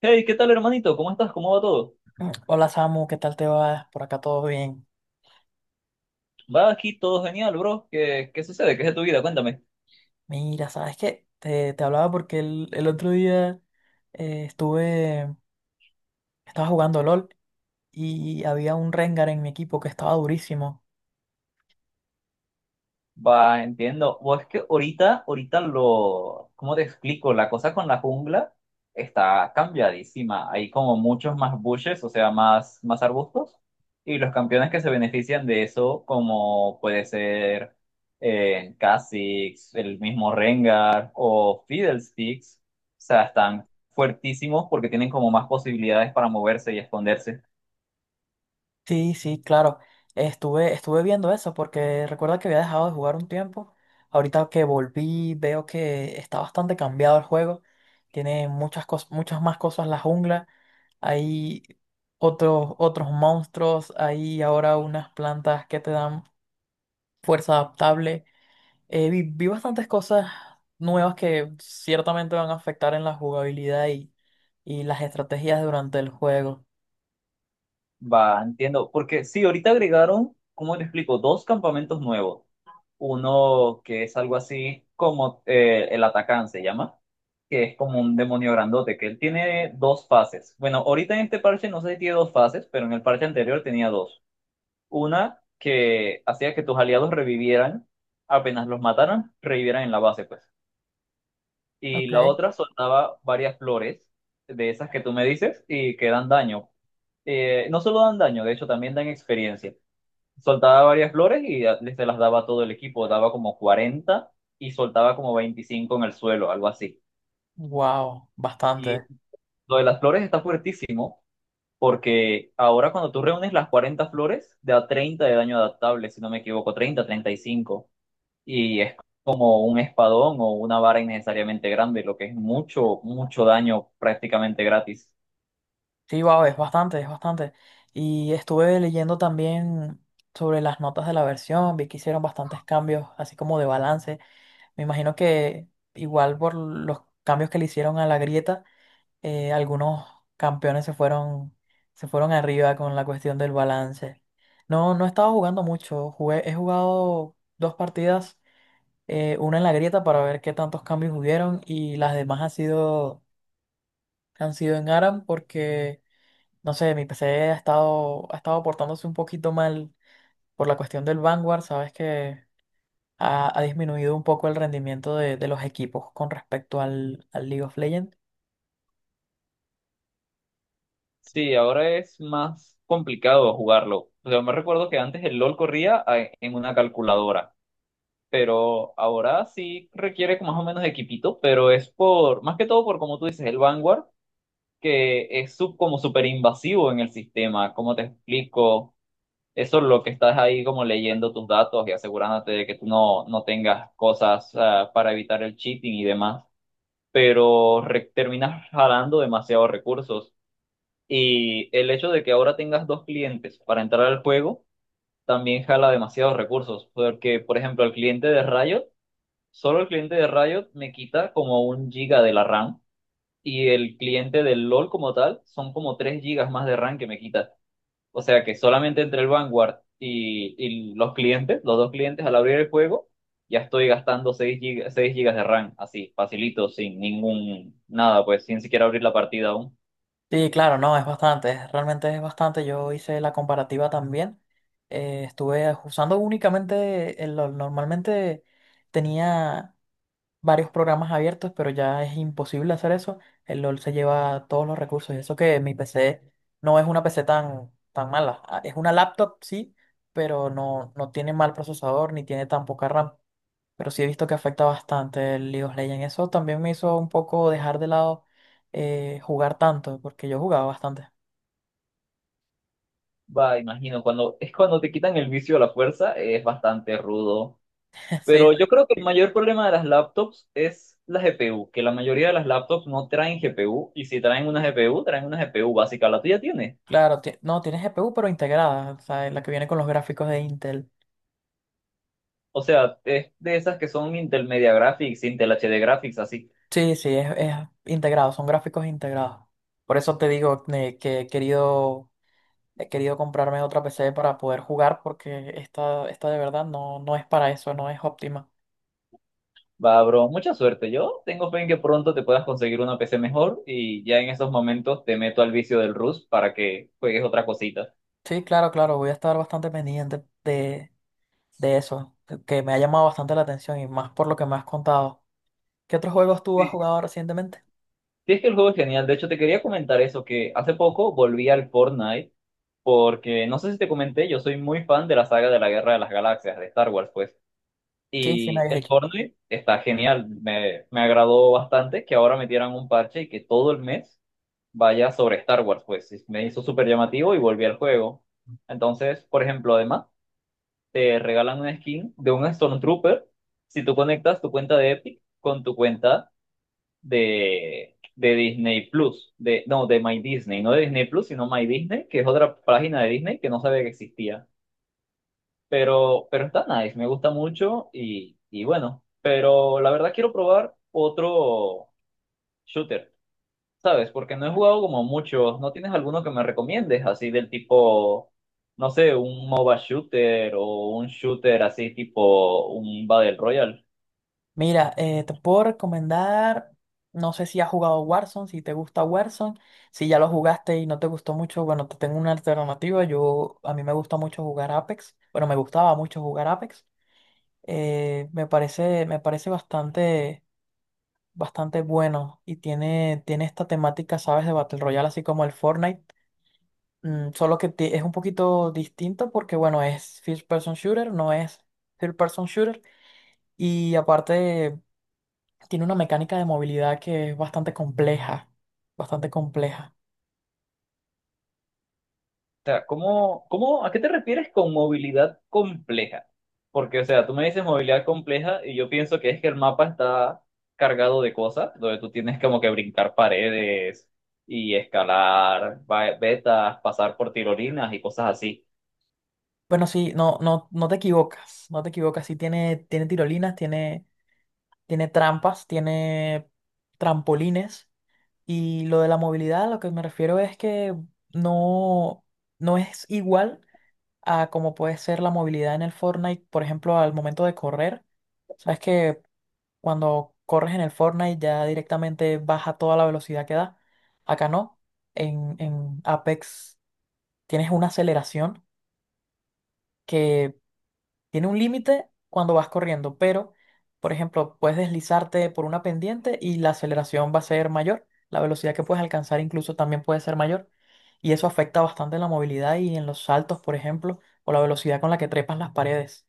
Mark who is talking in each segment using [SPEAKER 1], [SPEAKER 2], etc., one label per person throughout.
[SPEAKER 1] Hey, ¿qué tal, hermanito? ¿Cómo estás? ¿Cómo va todo?
[SPEAKER 2] Hola Samu, ¿qué tal te va? Por acá todo bien.
[SPEAKER 1] Va aquí todo genial, bro. ¿Qué sucede? ¿Qué es de tu vida? Cuéntame.
[SPEAKER 2] Mira, ¿sabes qué? Te hablaba porque el otro día eh, estuve, estaba jugando LOL y había un Rengar en mi equipo que estaba durísimo.
[SPEAKER 1] Va, entiendo. O es que ahorita ¿cómo te explico? La cosa con la jungla está cambiadísima. Hay como muchos más bushes, o sea, más arbustos. Y los campeones que se benefician de eso, como puede ser Kha'Zix, el mismo Rengar o Fiddlesticks, o sea, están fuertísimos porque tienen como más posibilidades para moverse y esconderse.
[SPEAKER 2] Sí, sí, claro. Estuve viendo eso porque recuerda que había dejado de jugar un tiempo. Ahorita que volví, veo que está bastante cambiado el juego. Tiene muchas cosas, muchas más cosas la jungla. Hay otros monstruos. Hay ahora unas plantas que te dan fuerza adaptable. Vi bastantes cosas nuevas que ciertamente van a afectar en la jugabilidad y las estrategias durante el juego.
[SPEAKER 1] Va, entiendo. Porque sí, ahorita agregaron, ¿cómo te explico? Dos campamentos nuevos. Uno que es algo así como el Atacán se llama, que es como un demonio grandote, que él tiene dos fases. Bueno, ahorita en este parche no sé si tiene dos fases, pero en el parche anterior tenía dos. Una que hacía que tus aliados revivieran, apenas los mataran, revivieran en la base, pues, y
[SPEAKER 2] Ok.
[SPEAKER 1] la otra soltaba varias flores de esas que tú me dices y que dan daño. No solo dan daño, de hecho también dan experiencia. Soltaba varias flores y se las daba a todo el equipo, daba como 40 y soltaba como 25 en el suelo, algo así.
[SPEAKER 2] Wow,
[SPEAKER 1] Y
[SPEAKER 2] bastante.
[SPEAKER 1] lo de las flores está fuertísimo porque ahora cuando tú reúnes las 40 flores, da 30 de daño adaptable, si no me equivoco, 30 35, y es como un espadón o una vara innecesariamente grande, lo que es mucho, mucho daño prácticamente gratis.
[SPEAKER 2] Sí, wow, es bastante, es bastante. Y estuve leyendo también sobre las notas de la versión, vi que hicieron bastantes cambios, así como de balance. Me imagino que igual por los cambios que le hicieron a la grieta, algunos campeones se fueron arriba con la cuestión del balance. No, no he estado jugando mucho. Jugué, he jugado dos partidas, una en la grieta para ver qué tantos cambios hubieron y las demás han sido en ARAM porque, no sé, mi PC ha estado portándose un poquito mal por la cuestión del Vanguard. Sabes que ha, ha disminuido un poco el rendimiento de los equipos con respecto al League of Legends.
[SPEAKER 1] Sí, ahora es más complicado jugarlo. Yo me recuerdo que antes el LOL corría en una calculadora, pero ahora sí requiere más o menos de equipito, pero es por, más que todo por, como tú dices, el Vanguard, que es como súper invasivo en el sistema. ¿Cómo te explico? Eso es lo que estás ahí como leyendo tus datos y asegurándote de que tú no tengas cosas para evitar el cheating y demás, pero terminas jalando demasiados recursos. Y el hecho de que ahora tengas dos clientes para entrar al juego también jala demasiados recursos, porque por ejemplo el cliente de Riot, solo el cliente de Riot me quita como un giga de la RAM y el cliente del LOL como tal son como tres gigas más de RAM que me quita. O sea que solamente entre el Vanguard y los clientes, los dos clientes al abrir el juego, ya estoy gastando 6 gigas de RAM, así, facilito, sin ningún, nada, pues sin siquiera abrir la partida aún.
[SPEAKER 2] Sí, claro, no, es bastante, realmente es bastante. Yo hice la comparativa también. Estuve usando únicamente, normalmente tenía varios programas abiertos, pero ya es imposible hacer eso. El LOL se lleva todos los recursos. Y eso que mi PC no es una PC tan, tan mala. Ah, es una laptop, sí, pero no, no tiene mal procesador ni tiene tan poca RAM. Pero sí he visto que afecta bastante el League of Legends. Eso también me hizo un poco dejar de lado jugar tanto, porque yo jugaba bastante.
[SPEAKER 1] Va, imagino, cuando es cuando te quitan el vicio a la fuerza, es bastante rudo.
[SPEAKER 2] Sí,
[SPEAKER 1] Pero yo creo que el mayor problema de las laptops es la GPU, que la mayoría de las laptops no traen GPU, y si traen una GPU, traen una GPU básica, la tuya tiene.
[SPEAKER 2] claro, no, tiene GPU, pero integrada, o sea, la que viene con los gráficos de Intel.
[SPEAKER 1] O sea, es de esas que son Intel Media Graphics, Intel HD Graphics, así.
[SPEAKER 2] Sí, sí, es integrado, son gráficos integrados. Por eso te digo, que he querido comprarme otra PC para poder jugar, porque esta de verdad no, no es para eso, no es óptima.
[SPEAKER 1] Va, bro, mucha suerte. Yo tengo fe en que pronto te puedas conseguir una PC mejor y ya en esos momentos te meto al vicio del Rust para que juegues otra cosita.
[SPEAKER 2] Sí, claro, claro, voy a estar bastante pendiente de eso, que me ha llamado bastante la atención y más por lo que me has contado. ¿Qué otros juegos tú has
[SPEAKER 1] Sí.
[SPEAKER 2] jugado recientemente?
[SPEAKER 1] Sí, es que el juego es genial. De hecho, te quería comentar eso, que hace poco volví al Fortnite porque no sé si te comenté, yo soy muy fan de la saga de la Guerra de las Galaxias, de Star Wars, pues.
[SPEAKER 2] Sí, sí, me
[SPEAKER 1] Y
[SPEAKER 2] habías
[SPEAKER 1] el
[SPEAKER 2] dicho.
[SPEAKER 1] Fortnite está genial, me agradó bastante que ahora metieran un parche y que todo el mes vaya sobre Star Wars, pues, y me hizo súper llamativo y volví al juego. Entonces, por ejemplo, además, te regalan una skin de un Stormtrooper si tú conectas tu cuenta de Epic con tu cuenta de Disney Plus, no, de My Disney, no de Disney Plus, sino My Disney, que es otra página de Disney que no sabía que existía. Pero está nice, me gusta mucho y bueno, pero la verdad quiero probar otro shooter, ¿sabes? Porque no he jugado como muchos, ¿no tienes alguno que me recomiendes así del tipo, no sé, un MOBA shooter o un shooter así tipo un Battle Royale?
[SPEAKER 2] Mira, te puedo recomendar, no sé si has jugado Warzone, si te gusta Warzone, si ya lo jugaste y no te gustó mucho, bueno, te tengo una alternativa, yo, a mí me gusta mucho jugar Apex, bueno, me gustaba mucho jugar Apex, me parece bastante, bastante bueno y tiene, tiene esta temática, ¿sabes? De Battle Royale, así como el Fortnite, mm, solo que es un poquito distinto porque, bueno, es First Person Shooter, no es Third Person Shooter y aparte, tiene una mecánica de movilidad que es bastante compleja, bastante compleja.
[SPEAKER 1] O sea, ¿cómo, a qué te refieres con movilidad compleja? Porque, o sea, tú me dices movilidad compleja y yo pienso que es que el mapa está cargado de cosas, donde tú tienes como que brincar paredes y escalar vetas, pasar por tirolinas y cosas así.
[SPEAKER 2] Bueno, sí, no, no, no te equivocas, no te equivocas. Sí tiene, tiene tirolinas, tiene, tiene trampas, tiene trampolines. Y lo de la movilidad, a lo que me refiero es que no, no es igual a como puede ser la movilidad en el Fortnite, por ejemplo, al momento de correr. Sabes que cuando corres en el Fortnite ya directamente baja toda la velocidad que da. Acá no, en Apex tienes una aceleración que tiene un límite cuando vas corriendo, pero, por ejemplo, puedes deslizarte por una pendiente y la aceleración va a ser mayor, la velocidad que puedes alcanzar incluso también puede ser mayor, y eso afecta bastante en la movilidad y en los saltos, por ejemplo, o la velocidad con la que trepas las paredes.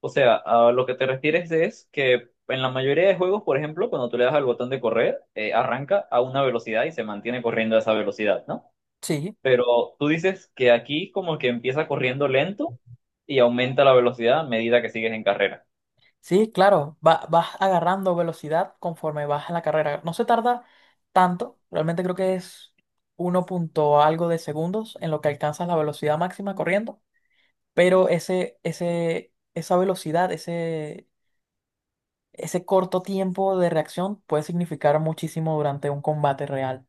[SPEAKER 1] O sea, a lo que te refieres es que en la mayoría de juegos, por ejemplo, cuando tú le das al botón de correr, arranca a una velocidad y se mantiene corriendo a esa velocidad, ¿no?
[SPEAKER 2] Sí.
[SPEAKER 1] Pero tú dices que aquí como que empieza corriendo lento y aumenta la velocidad a medida que sigues en carrera.
[SPEAKER 2] Sí, claro, vas agarrando velocidad conforme vas en la carrera. No se tarda tanto, realmente creo que es uno punto algo de segundos en lo que alcanzas la velocidad máxima corriendo, pero esa velocidad, ese corto tiempo de reacción puede significar muchísimo durante un combate real.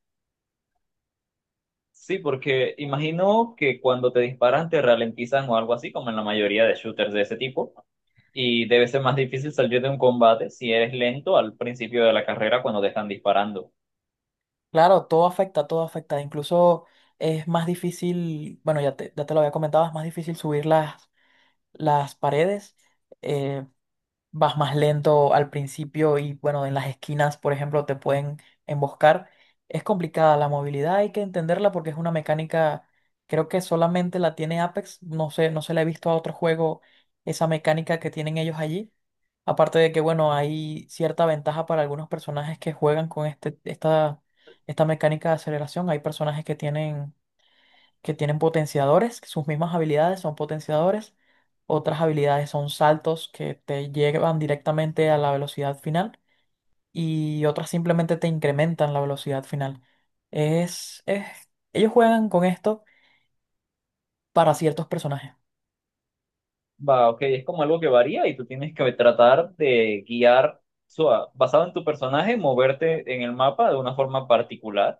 [SPEAKER 1] Sí, porque imagino que cuando te disparan te ralentizan o algo así, como en la mayoría de shooters de ese tipo, y debe ser más difícil salir de un combate si eres lento al principio de la carrera cuando te están disparando.
[SPEAKER 2] Claro, todo afecta, todo afecta. Incluso es más difícil, bueno, ya te lo había comentado, es más difícil subir las paredes. Eh, Vas más lento al principio y bueno, en las esquinas, por ejemplo, te pueden emboscar. Es complicada la movilidad, hay que entenderla porque es una mecánica, creo que solamente la tiene Apex, no sé, no se la he visto a otro juego esa mecánica que tienen ellos allí. Aparte de que, bueno, hay cierta ventaja para algunos personajes que juegan con esta mecánica de aceleración. Hay personajes que tienen potenciadores, que sus mismas habilidades son potenciadores, otras habilidades son saltos que te llevan directamente a la velocidad final y otras simplemente te incrementan la velocidad final. Es, es- ellos juegan con esto para ciertos personajes.
[SPEAKER 1] Va, ok, es como algo que varía y tú tienes que tratar de guiar, o sea, basado en tu personaje, moverte en el mapa de una forma particular.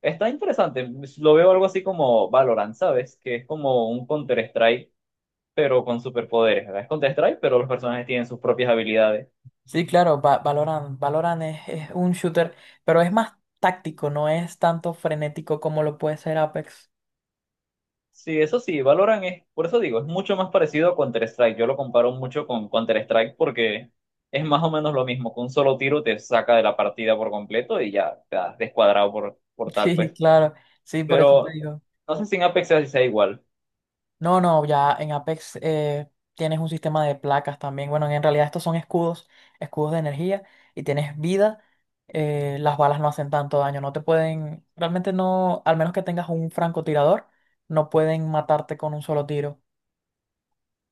[SPEAKER 1] Está interesante. Lo veo algo así como Valorant, ¿sabes? Que es como un Counter-Strike, pero con superpoderes, ¿verdad? Es Counter-Strike, pero los personajes tienen sus propias habilidades.
[SPEAKER 2] Sí, claro, Valorant, es un shooter, pero es más táctico, no es tanto frenético como lo puede ser Apex.
[SPEAKER 1] Sí, eso sí, Valorant es, por eso digo, es mucho más parecido a Counter-Strike. Yo lo comparo mucho con Counter-Strike porque es más o menos lo mismo. Con un solo tiro te saca de la partida por completo y ya te has descuadrado por, por tal,
[SPEAKER 2] Sí,
[SPEAKER 1] pues.
[SPEAKER 2] claro, sí, por eso te
[SPEAKER 1] Pero
[SPEAKER 2] digo.
[SPEAKER 1] no sé si en Apex sea igual.
[SPEAKER 2] No, no, ya en Apex, tienes un sistema de placas también. Bueno, en realidad estos son escudos, escudos de energía y tienes vida. Las balas no hacen tanto daño, no te pueden, realmente no, al menos que tengas un francotirador, no pueden matarte con un solo tiro.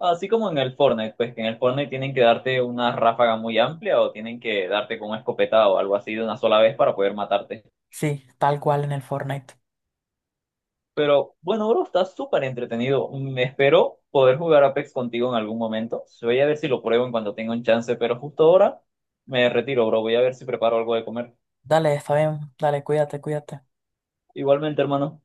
[SPEAKER 1] Así como en el Fortnite, pues que en el Fortnite tienen que darte una ráfaga muy amplia o tienen que darte con una escopeta o algo así de una sola vez para poder matarte.
[SPEAKER 2] Sí, tal cual en el Fortnite.
[SPEAKER 1] Pero bueno, bro, está súper entretenido. Espero poder jugar Apex contigo en algún momento. Voy a ver si lo pruebo en cuanto tenga un chance, pero justo ahora me retiro, bro. Voy a ver si preparo algo de comer.
[SPEAKER 2] Dale, está bien, dale, cuídate, cuídate.
[SPEAKER 1] Igualmente, hermano.